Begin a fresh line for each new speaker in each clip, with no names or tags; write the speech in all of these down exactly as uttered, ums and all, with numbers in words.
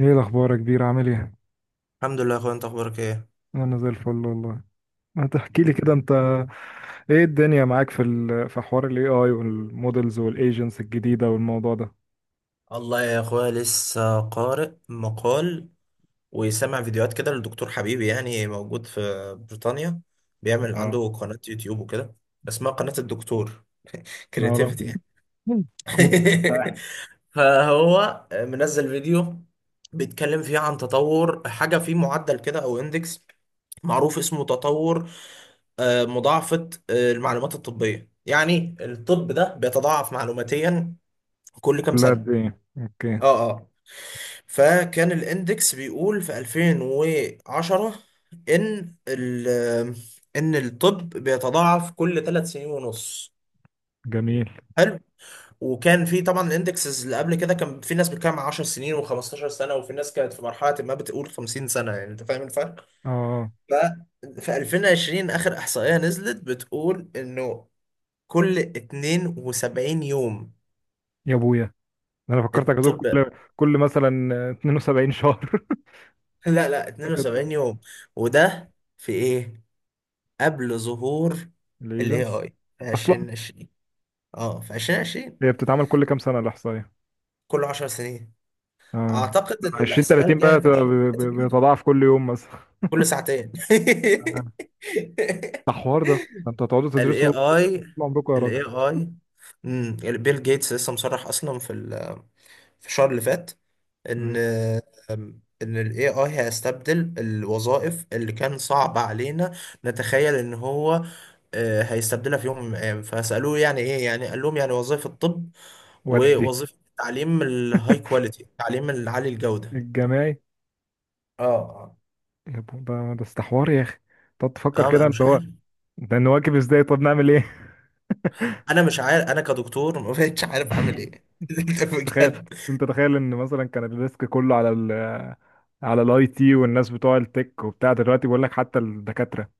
ايه الاخبار يا كبير؟ عامل ايه؟
الحمد لله يا اخويا. انت اخبارك ايه؟
انا زي الفل والله. ما تحكي لي كده انت، ايه الدنيا معاك في ال... في حوار الاي اي والمودلز والايجنتس الجديده والموضوع ده؟
الله يا اخويا، لسه قارئ مقال وسامع فيديوهات كده لدكتور حبيبي، يعني موجود في بريطانيا، بيعمل
اه،
عنده قناة يوتيوب وكده. اسمها قناة الدكتور
نعرف.
كرياتيفيتي يعني.
كم-
فهو منزل فيديو بيتكلم فيه عن تطور حاجة في معدل كده او اندكس معروف اسمه تطور، آه، مضاعفة آه، المعلومات الطبية، يعني الطب ده بيتضاعف معلوماتيا كل كام
كلها قد
سنة.
ايه؟ اوكي.
اه اه. فكان الاندكس بيقول في ألفين وعشرة ان ال ان الطب بيتضاعف كل ثلاث سنين ونص.
جميل.
حلو. وكان في طبعا الاندكسز اللي قبل كده، كان في ناس بتتكلم عن 10 سنين و15 سنه، وفي ناس كانت في مرحله ما بتقول 50 سنه، يعني انت فاهم الفرق.
اه،
ف في ألفين وعشرين اخر احصائيه نزلت بتقول انه كل 72 يوم
يا ابويا انا فكرتك هتقول
الطب.
كل كل مثلا اثنين وسبعين شهر.
لا لا،
فكرتك هتقول
72 يوم. وده في ايه؟ قبل ظهور ال
الايجنتس
اي اي في
اصلا.
ألفين وعشرين. اه، في ألفين وعشرين.
هي بتتعمل كل كام سنه الاحصائيه؟
كل 10 سنين.
اه.
اعتقد ان
20
الاحصائيه
30
الجايه
بقى؟
في ألفين وثلاثين
بتتضاعف كل يوم مثلا؟
كل ساعتين.
ده حوار ده، ده انتوا هتقعدوا
ال
تدرسوا
AI
طول عمركم يا
ال
راجل.
AI امم بيل جيتس لسه مصرح اصلا في ال- في الشهر اللي فات ان
مم.
أم، ان ال اي اي هيستبدل الوظائف اللي كان صعب علينا نتخيل ان هو آه، هيستبدلها في يوم من الايام. فسالوه يعني ايه؟ يعني قال لهم يعني وظائف الطب
ودي
ووظيفة تعليم الهاي كواليتي، تعليم العالي الجودة.
الجماعي.
اه آه.
يا بو- ده ده استحوار يا اخي، تقعد تفكر
اه
كده
بقى
اللي
مش
هو،
عارف.
ده نواكب ازاي؟ طب نعمل ايه؟
انا مش عارف، انا كدكتور ما بقتش عارف اعمل ايه
تخيل،
بجد.
انت تخيل ان مثلا كان الريسك كله على ال على الاي تي والناس بتوع التك وبتاع، دلوقتي بقول لك حتى الدكاترة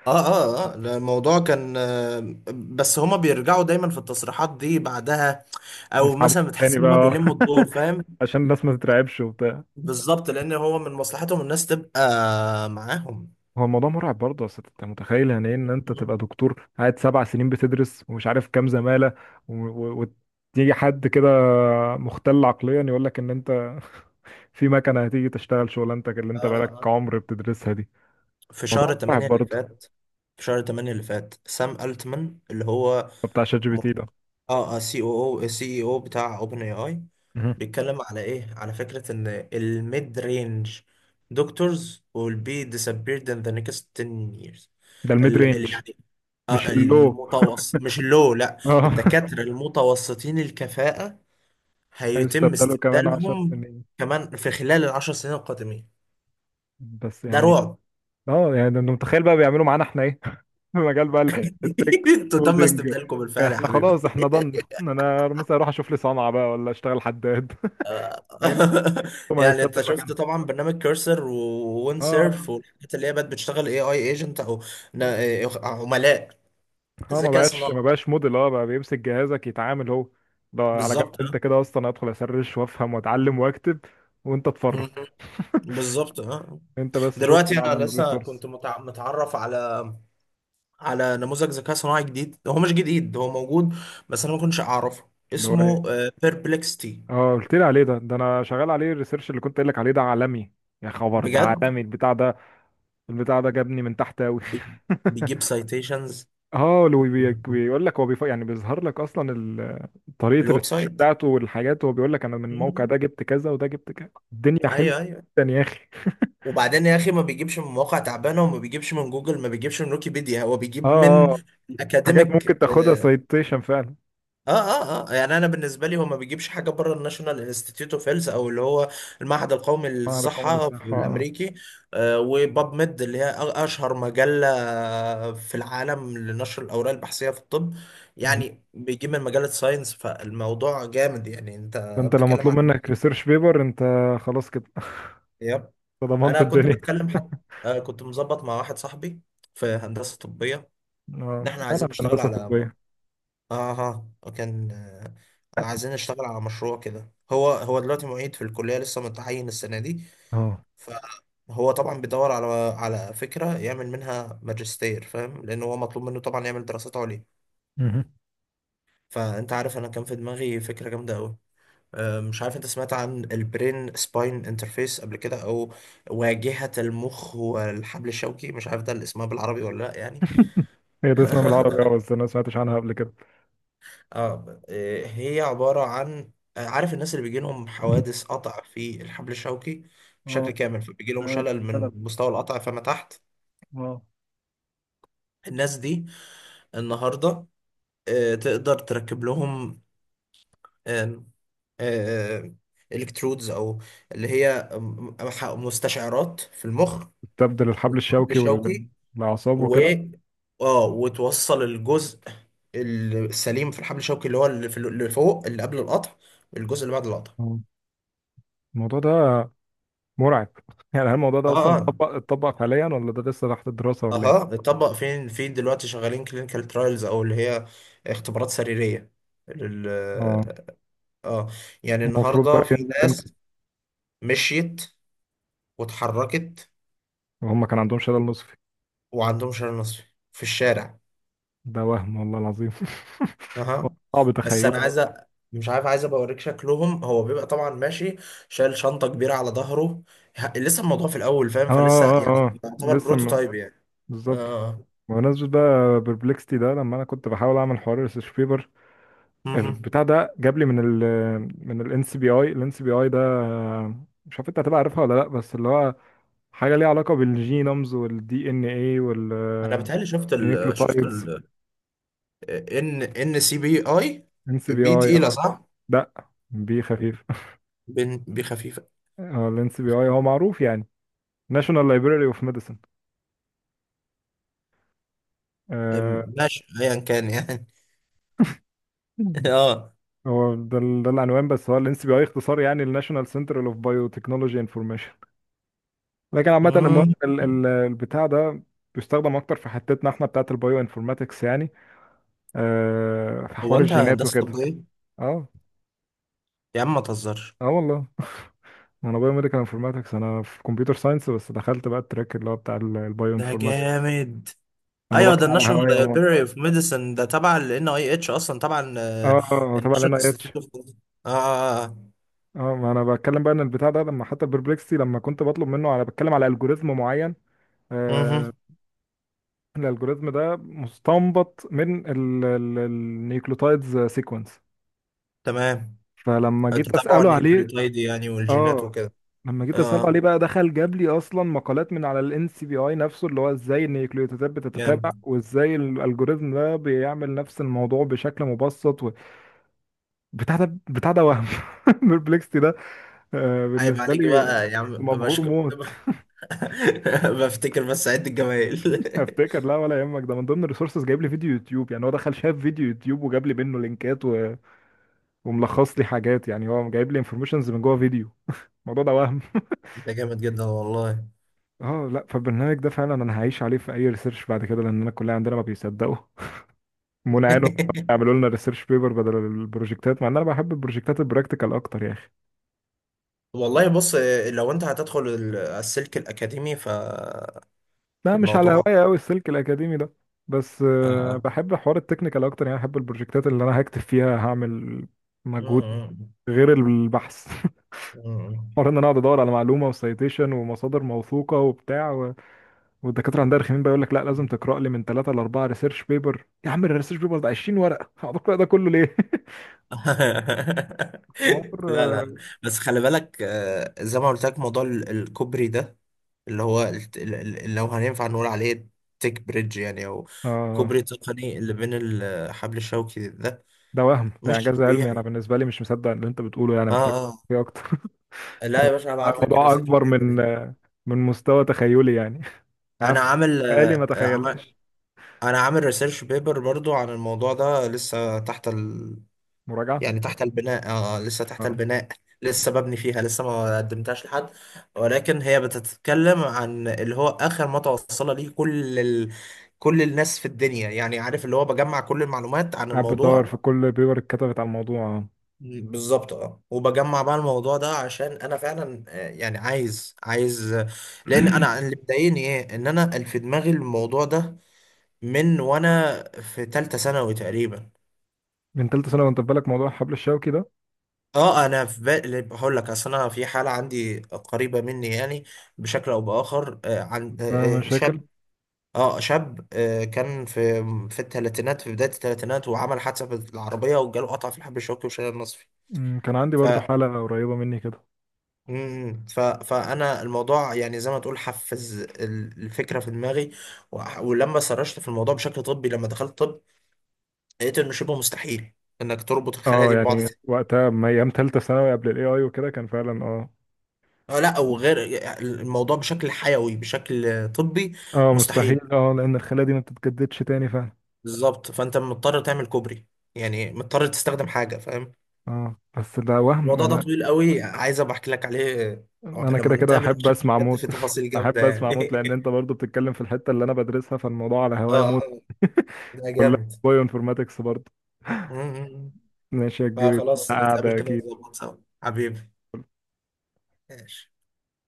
اه اه اه. لا، الموضوع كان، آه، بس هما بيرجعوا دايما في التصريحات دي بعدها، او مثلا
يسحبوها تاني
بتحس ان هما
بقى
بيلموا الدور فاهم.
عشان الناس ما تترعبش.
بالظبط، لان هو من مصلحتهم الناس تبقى معاهم.
هو الموضوع مرعب برضه، اصل انت متخيل يعني ايه ان انت
مم.
تبقى دكتور قاعد سبع سنين بتدرس ومش عارف كام زمالة، و- و- وتيجي حد كده مختل عقليا يقول لك ان انت في مكنة هتيجي تشتغل شغلانتك اللي
اه
انت
اه
بقالك
اه.
عمر بتدرسها دي.
في
موضوع
شهر
مرعب
8 اللي
برضه.
فات في شهر ثمانية اللي فات سام التمان اللي هو
بتاع شات جي بي تي ده؟
اه سي او او سي اي او بتاع اوبن اي اي،
مهم.
بيتكلم على ايه؟ على فكرة ان الميد رينج دكتورز will be disappeared in the next ten years.
ده الميد
ال
رينج،
ال يعني آه
مش اللو.
المتوسط، مش اللو. لا.
اه
الدكاترة المتوسطين الكفاءة هيتم
هيستبدلوا كمان عشر
استبدالهم
سنين؟
كمان في خلال العشر سنين القادمين.
بس
ده
يعني،
رعب.
اه، يعني ده انت متخيل بقى بيعملوا معانا احنا ايه؟ مجال بقى ال- التك،
انتوا تم
كودينج.
استبدالكم بالفعل يا
احنا
حبيبي.
خلاص، احنا ضن انا مثلا اروح اشوف لي صنعة بقى ولا اشتغل حداد يعني ما
يعني انت
هيستبدل
شفت
مكانها؟
طبعا برنامج كيرسر
اه.
ووينسيرف والحاجات اللي هي بقت بتشتغل اي اي ايجنت او نا- عملاء
اه، ما
ذكاء
بقاش
صناعي.
ما بقاش موديل، اه بقى بيمسك جهازك يتعامل هو. ده على جنب،
بالظبط
انت
اه.
كده اصلا ادخل اسرش وافهم واتعلم واكتب وانت اتفرج،
مم. بالظبط اه.
انت بس
دلوقتي
شكرا على
انا لسه
الريسورس.
كنت متع- متعرف على على نموذج ذكاء صناعي جديد. هو مش جديد، هو موجود، بس انا ما كنتش اعرفه.
اللي هو
اسمه
ايه؟
بيربلكستي.
اه، قلت لي عليه ده، ده انا شغال عليه الريسيرش اللي كنت قايل لك عليه، ده عالمي. يا خبر، ده
بجد.
عالمي البتاع ده. البتاع ده جابني من تحت أوي
بي- بيجيب سايتيشنز.
اه، لو بي- بيقول لك هو بيف... يعني بيظهر لك اصلا ال- طريقه
الويب
الريسيرش
سايت.
بتاعته والحاجات، هو بيقول لك انا من الموقع
مم.
ده جبت كذا، وده جبت كذا. الدنيا حلوه
ايوه ايوه.
جدا يا اخي
وبعدين يا اخي، ما بيجيبش من مواقع تعبانه، وما بيجيبش من جوجل، ما بيجيبش من ويكيبيديا. هو
اه
بيجيب
اه،
من
حاجات
اكاديميك.
ممكن تاخدها
اه
سايتيشن فعلا.
اه اه آه. يعني انا بالنسبه لي هو ما بيجيبش حاجه بره الناشونال انستيتيوت اوف هيلث، او اللي هو المعهد القومي
معهد قومي
للصحه في
الصحه، آه، آه.
الامريكي. آه، وباب ميد، اللي هي أ- اشهر مجله في العالم لنشر الاوراق البحثيه في الطب.
مهم.
يعني بيجيب من مجله ساينس، فالموضوع جامد. يعني انت
فانت لو
بتتكلم
مطلوب منك ريسيرش بيبر، انت خلاص كده
عن،
أنت ضمنت
انا كنت
الدنيا.
بتكلم حد، آه، كنت مظبط مع واحد صاحبي في هندسه طبيه، ان
اه،
احنا
انا
عايزين
في
نشتغل
هندسه
على اه
طبيه.
آه، آه، كان آه، عايزين نشتغل على مشروع كده. هو هو دلوقتي معيد في الكليه، لسه متعين السنه دي.
اه.
فهو طبعا بيدور على على فكره يعمل منها ماجستير فاهم، لان هو مطلوب منه طبعا يعمل دراسات عليا.
مهم.
فانت عارف انا كان في دماغي فكره جامده قوي. آه، مش عارف انت سمعت عن البرين سباين انترفيس قبل كده، او واجهة المخ والحبل الشوكي، مش عارف ده اللي اسمها بالعربي ولا لا يعني.
هي ده اسمها بالعربي، اه، بس انا ما سمعتش عنها قبل كده.
اه آه، هي عبارة عن، آه، عارف الناس اللي بيجي لهم حوادث قطع في الحبل الشوكي
اه،
بشكل كامل، فبيجي لهم
ده
شلل
سلام،
من مستوى القطع فما تحت.
اه.
الناس دي النهاردة آه، تقدر تركب لهم آم، آه، الكترودز، او اللي هي آم، مستشعرات في المخ
تبدل الحبل
والحبل
الشوكي
الشوكي،
والأعصاب
و
وكده.
اه وتوصل الجزء السليم في الحبل الشوكي، اللي هو اللي في- اللي فوق، اللي قبل القطع، الجزء اللي بعد القطع.
آه. الموضوع ده مرعب يعني هل الموضوع ده
اه
أصلا
اه
اتطبق، اتطبق حاليا ولا ده لسه تحت الدراسة ولا
اها.
إيه؟
اتطبق. فين فين دلوقتي شغالين كلينيكال ترايلز، او اللي هي اختبارات سريرية لل
اه.
اه. يعني
المفروض بقى
النهارده في
ينزل امتى؟
ناس مشيت واتحركت
وهم كان عندهم شلل نصفي؟
وعندهم شلل نصفي في الشارع.
ده وهم، والله العظيم.
اها.
صعب
بس
تخيله،
انا
اه.
عايز، أ- مش عارف، عايز ابقى اوريك شكلهم. هو بيبقى طبعا ماشي، شايل شنطه كبيره على ظهره. ه- لسه الموضوع في الاول فاهم،
اه
فلسه
اه
يعني
اه،
يعتبر
لسه م...
بروتوتايب يعني.
بالظبط.
اه
بمناسبة بقى بربلكستي ده، لما انا كنت بحاول اعمل حوار ريسيرش بيبر،
مهم.
البتاع ده جاب لي من ال من الان سي بي اي. الان سي بي اي ده مش عارف انت هتبقى عارفها ولا لا، بس اللي هو حاجة ليها علاقة بالجينومز والدي ان اي
انا بتهيألي شفت ال شفت
والنيوكليوتايدز.
ال ان ان سي بي اي.
ان سي بي
بي
اي،
تقيله
اه.
صح؟
لا، بي خفيف
بن- بي خفيفه.
اه، الان سي بي اي هو معروف يعني، ناشونال لايبراري اوف ميديسن. آه.
أم، ماشي ايا كان يعني. اه
هو ده، ال- ده العنوان، بس هو الان سي بي اي اختصار يعني الناشونال سنتر اوف بايوتكنولوجي انفورميشن. لكن عامة، المهم
مم.
ال- ال- البتاع ده بيستخدم اكتر في حتتنا احنا بتاعت البايو انفورماتكس يعني، آه، في
هو
حوار
انت
الجينات
هندسه
وكده.
طبيه؟
اه
يا عم ما تهزرش.
اه، والله انا بايو ميديكال انفورماتكس، انا في كمبيوتر ساينس بس دخلت بقى التراك اللي هو بتاع البايو
ده
انفورماتكس.
جامد.
الموضوع
ايوه، ده
كان على
الناشونال
هواية موت.
لايبراري اوف ميديسن ده تبع ال ان اي اتش، اصلا تبع
اه اه، هو تبع ال
الناشونال
إن آي إتش.
انستيتيوت اوف. اه اه اه
اه، ما انا بتكلم بقى ان البتاع ده، لما حتى البربلكسي لما كنت بطلب منه، انا بتكلم على الجوريزم معين،
مهم.
آه. الالجوريزم ده مستنبط من النيوكليوتايدز سيكونس.
تمام.
فلما جيت
تتابعوا
اساله عليه،
النيوكليوتايد يعني والجينات
اه،
وكده.
لما
اه
جيت اساله عليه
آه.
بقى دخل جاب لي اصلا مقالات من على الان سي بي اي نفسه، اللي هو ازاي النيوكليوتيدات
جامد.
بتتتابع وازاي الالجوريزم ده بيعمل نفس الموضوع بشكل مبسط و... بتاع ده بتاع ده وهم البربلكستي ده، آه،
عيب
بالنسبه
عليك
لي
بقى يا عم،
مبهور
بشكر.
موت.
بفتكر بس عد الجمايل.
افتكر، لا ولا يهمك، ده من ضمن الريسورسز جايب لي فيديو يوتيوب. يعني هو دخل شاف فيديو يوتيوب وجاب لي منه لينكات و... وملخص لي حاجات، يعني هو جايب لي انفورميشنز من جوه فيديو الموضوع ده وهم.
ده جامد جدا والله.
اه لا، فالبرنامج ده فعلا انا هعيش عليه في اي ريسيرش بعد كده، لان انا الكليه عندنا ما بيصدقوا منى عينهم يعملوا لنا ريسيرش بيبر بدل البروجكتات، مع ان انا بحب البروجكتات البراكتيكال اكتر يا اخي.
والله بص، لو انت هتدخل ال- السلك الاكاديمي، ف
لا، مش على
الموضوع
هوايه قوي السلك الاكاديمي ده، بس آه،
آه.
بحب حوار التكنيكال اكتر، يعني بحب البروجكتات اللي انا هكتب فيها، هعمل مجهود
مم.
غير البحث
مم.
حوار ان انا اقعد ادور على معلومه وسايتيشن ومصادر موثوقه وبتاع، والدكاتره عندها رخمين بقى، يقول لك لا لازم تقرا لي من ثلاثه لاربعه ريسيرش بيبر. يا عم الريسيرش بيبر ده عشرين ورقه هقعد اقرا ده كله ليه؟
لا
حوار،
لا. بس خلي بالك، آه، زي ما قلت لك موضوع ال- الكوبري ده، اللي هو ال- ال- ال- لو هينفع نقول عليه تيك بريدج يعني، او
اه.
كوبري تقني اللي بين الحبل الشوكي. ده
ده وهم، ده
مش
انجاز علمي، انا
طبيعي.
بالنسبه لي مش مصدق اللي انت بتقوله، يعني
اه
محتاج
اه.
فيه اكتر
لا يا باشا، هبعت لك
الموضوع
الريسيرش
اكبر من
بيبر.
من مستوى تخيلي يعني
انا
عارف
عامل،
بالي ما
آه، عمل
تخيلتش.
انا عامل ريسيرش بيبر برضو عن الموضوع ده، لسه تحت،
مراجعه،
يعني تحت البناء. آه آه، لسه تحت
اه.
البناء، لسه ببني فيها، لسه ما قدمتهاش لحد. ولكن هي بتتكلم عن اللي هو آخر ما توصل ليه كل ال... كل الناس في الدنيا، يعني عارف اللي هو بجمع كل المعلومات عن
قاعد بتدور
الموضوع.
في كل بيبر اتكتبت على الموضوع، آه.
بالظبط اه. وبجمع بقى الموضوع ده عشان انا فعلا، آه، يعني عايز عايز آه، لان انا اللي مضايقني ايه؟ ان انا في دماغي الموضوع ده من وانا في تالتة ثانوي تقريبا.
من ثالثه سنه وانت في بالك موضوع حبل الشوكي ده؟
اه، انا في بالي هقول لك، اصل انا في حاله عندي قريبه مني، يعني بشكل او باخر، آه، عن
ده
آه، آه،
مشاكل.
شاب. اه، شاب، آه، كان في في الثلاثينات، في بدايه الثلاثينات، وعمل حادثه بالعربيه، وجاله قطع في الحب الشوكي وشال النصفي.
أمم، كان عندي
ف
برضو حاله قريبه مني كده.
مم، ف فانا الموضوع يعني زي ما تقول حفز ال- الفكره في دماغي. وح- ولما سرشت في الموضوع بشكل طبي، لما دخلت طب، لقيت انه شبه مستحيل انك تربط الخلايا
اه
دي ببعض.
يعني وقتها، ما ايام تالتة ثانوي قبل الاي اي وكده، كان فعلا اه.
آه، لا، وغير الموضوع بشكل حيوي بشكل طبي
اه
مستحيل.
مستحيل، اه لان الخلايا دي ما بتتجددش تاني فعلا.
بالظبط، فانت مضطر تعمل كوبري، يعني مضطر تستخدم حاجه فاهم.
اه، بس ده وهم
الموضوع ده
انا.
طويل قوي، عايز ابقى احكي لك عليه آه،
انا
لما
كده كده
نتقابل،
احب
عشان
اسمع
بجد
موت
في تفاصيل جامده
احب
يعني.
اسمع موت، لان انت برضو بتتكلم في الحتة اللي انا بدرسها فالموضوع على
اه
هوايا
آه،
موت
ده
كلها
جامد.
بايو انفورماتكس برضو.
م- م- م.
ماشي يا كبير،
فخلاص نتقابل
قاعدة
كده
اكيد.
ونظبط سوا. حبيبي. ماشي.